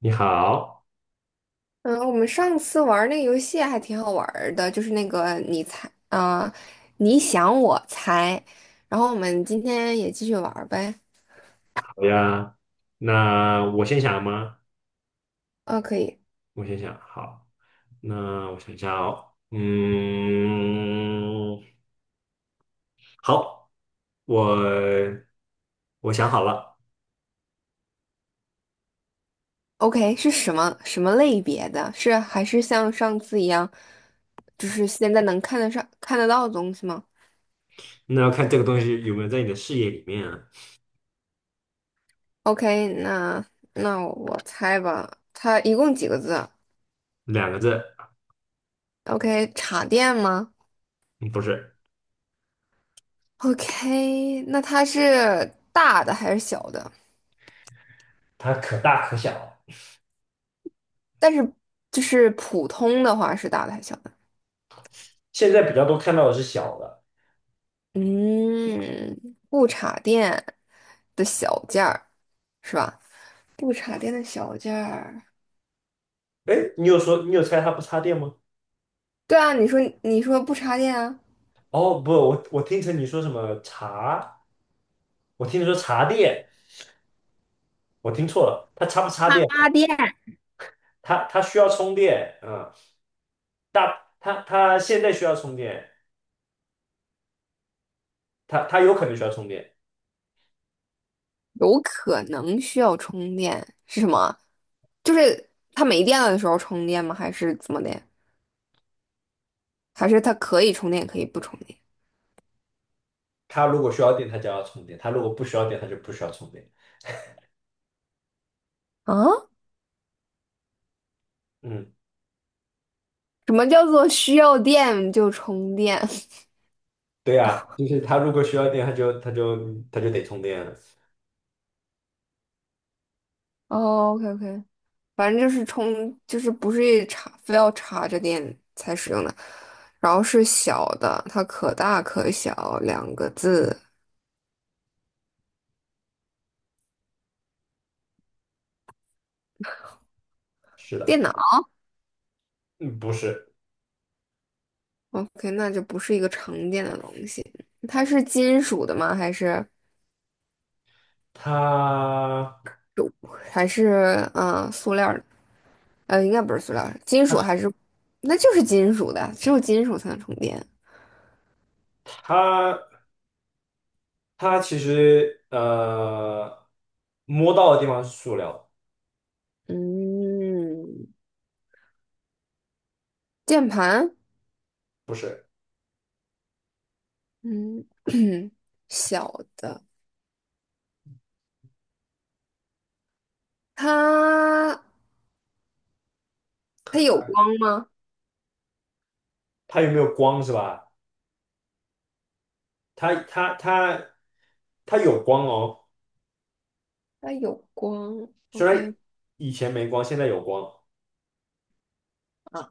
你好，嗯，我们上次玩那个游戏还挺好玩儿的，就是那个你猜，啊、你想我猜，然后我们今天也继续玩儿呗。好呀。那我先想吗？啊，可以我先想，好。那我想一下哦，好，我我想好了。，OK，是什么什么类别的？是还是像上次一样，就是现在能看得上、看得到的东西吗那要看这个东西有没有在你的视野里面啊。？OK，那我猜吧，它一共几个字两个字，？OK，插电吗嗯不是，？OK，那它是大的还是小的？它可大可小。但是就是普通的话是大的还是小的？现在比较多看到的是小的。嗯，不插电的小件儿是吧？不插电的小件儿，哎，你有说你有猜它不插电吗？对啊，你说不插电啊，哦，不，我听成你说什么茶，我听你说茶店，我听错了，它插不插电？插电，它需要充电，嗯，大它现在需要充电，它有可能需要充电，有可能需要充电是什么？就是它没电了的时候充电吗？还是怎么的？还是它可以充电，也可以不充电它如果需要电，它就要充电，它如果不需要电，它就不需要充电，啊？嗯，什么叫做需要电就充电？对呀，就是它如果需要电，它就得充电了，哦，OK，OK。反正就是充，就是不是插，非要插着电才使用的。然后是小的，它可大可小，两个字。是的，电脑嗯，不是，，OK，那就不是一个常见的东西。它是金属的吗？还是它还是塑料的？应该不是塑料金属还是？那就是金属的，只有金属才能充电。它它其实摸到的地方是塑料，嗯，键盘，不是，嗯，小的，它它有光吗？它有没有光是吧？它它它它有光哦。它有光虽然，OK 以前没光，现在有光。啊啊，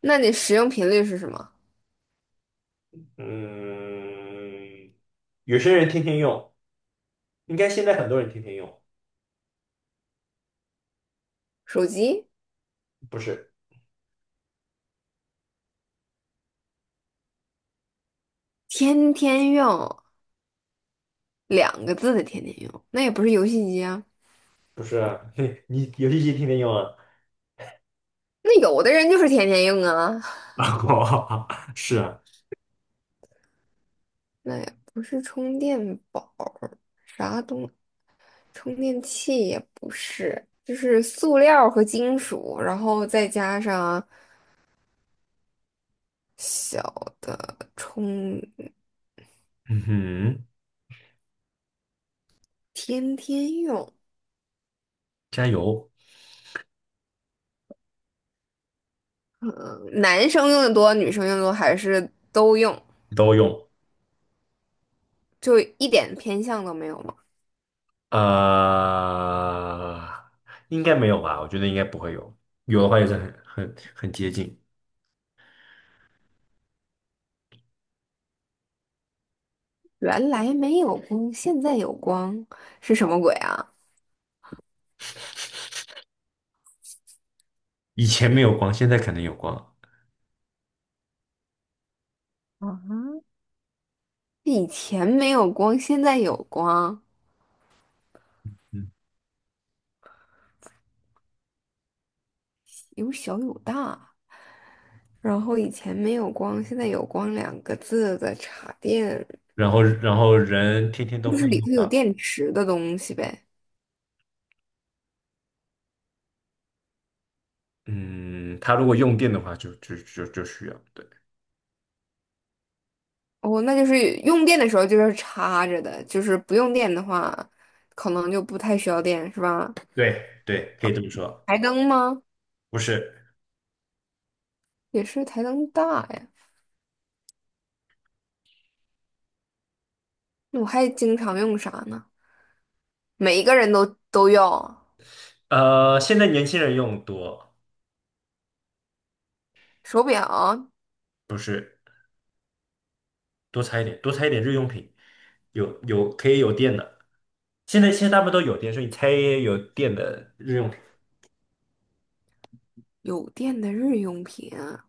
那你使用频率是什么？嗯，有些人天天用，应该现在很多人天天用，手机不是天天用，两个字的天天用，那也不是游戏机啊。不是啊，你游戏机天天用啊？那有的人就是天天用啊，哦 是啊，那也不是充电宝，啥东，充电器也不是，就是塑料和金属，然后再加上小的充，嗯哼，天天用。加油，嗯，男生用的多，女生用的多，还是都用？都用。就一点偏向都没有吗？呃，应该没有吧？我觉得应该不会有，有的话也是很接近。原来没有光，现在有光，是什么鬼啊？以前没有光，现在可能有光。以前没有光，现在有光，嗯，有小有大，然后以前没有光，现在有光两个字的插电，然后人天天都就会是用。里头有的。电池的东西呗。嗯，他如果用电的话就需要。对，哦，那就是用电的时候就是插着的，就是不用电的话，可能就不太需要电，是吧？对对，可以这么说，台灯吗？不是，也是台灯大呀，那我还经常用啥呢？每一个人都都用。现在年轻人用多，手表、不是多猜一点，多猜一点日用品，有可以有电的。现在大部分都有电，所以你猜有电的日用品，有电的日用品啊。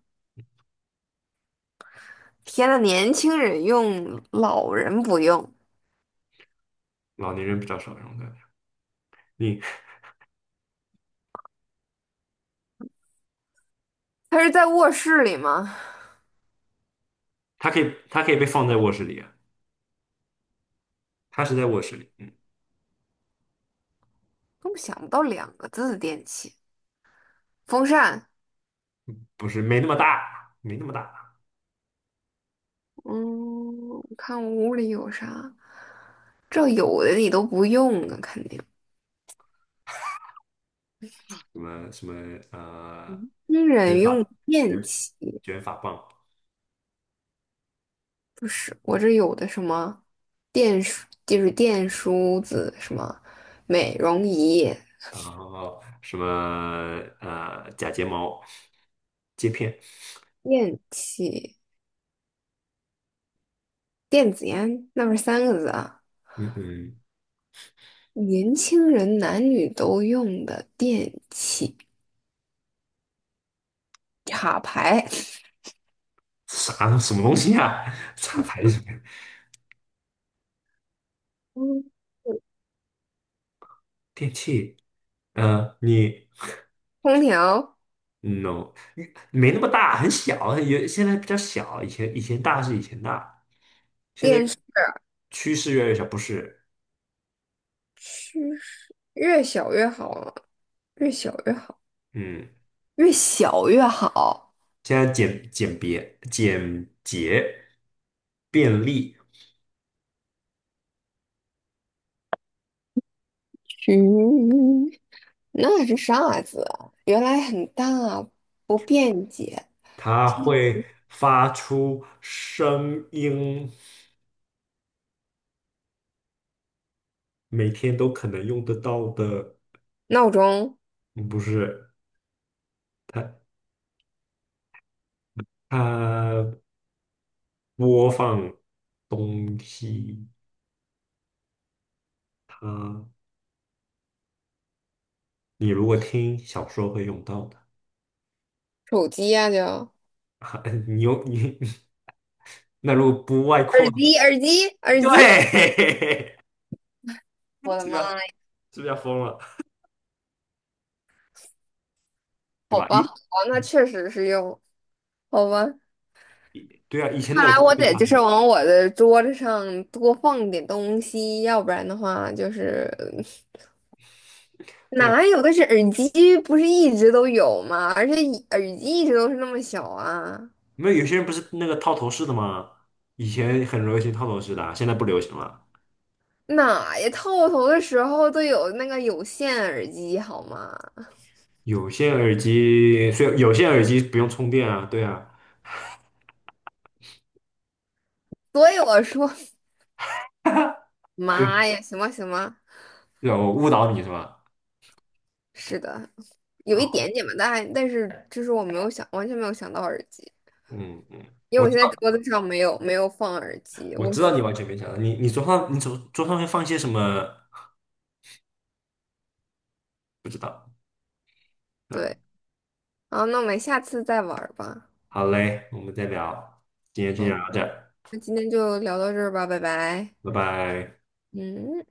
天呐，年轻人用，老人不用。老年人比较少用的。你他是在卧室里吗？它可以被放在卧室里啊，它是在卧室里，根本想不到两个字的电器。风扇，不是没那么大，没那么大。嗯，我看我屋里有啥。这有的你都不用啊，肯定。什么什么呃，新卷人用发电卷器卷发棒。不是，我这有的什么电梳，就是电梳子，什么美容仪、然后什么假睫毛、接片，电器、电子烟，那不是三个字啊？嗯嗯，年轻人男女都用的电器，插排，啥什么东西啊？啥牌子？嗯 电器？嗯，你 空调、no，你没那么大，很小，有现在比较小，以前大，现在电视，趋势越来越小，不是？趋势越小越好啊越小越好，嗯，越小越好。现在简简别简洁便利，嗯，那是啥子啊原来很大啊，不便捷。它会发出声音。每天都可能用得到的，闹钟、嗯不是它它播放东西，它你如果听小说会用到的，手机呀、就啊你用你 那如果不外扩耳呢，机、耳机、耳对，机。我的妈呀！是不是要疯了，对好吧？吧，好吧，那以确实是用，好吧。对啊，以前的看游来戏我得就是往我的桌子上多放点东西，要不然的话就是对啊，哪有？但是耳机不是一直都有吗？而且一耳机一直都是那么小啊，没有有些人不是那个套头式的吗？以前很流行套头式的啊，现在不流行了。哪呀？套头的时候都有那个有线耳机好吗？有线耳机，所以有线耳机不用充电啊，对啊。所以我说，妈呀，行吧行吧，对吧我误导你是吧？是的，有一好，点点吧，但是就是我没有想，完全没有想到耳机，嗯嗯，因为我我知现在道，桌子上没有放耳机，我我知道你放。完全没想到，你桌上会放些什么？不知道。嗯，对。好，那我们下次再玩儿吧。好嘞，我们再聊，今天先聊嗯，到这儿，那今天就聊到这儿吧，拜拜。拜拜。嗯。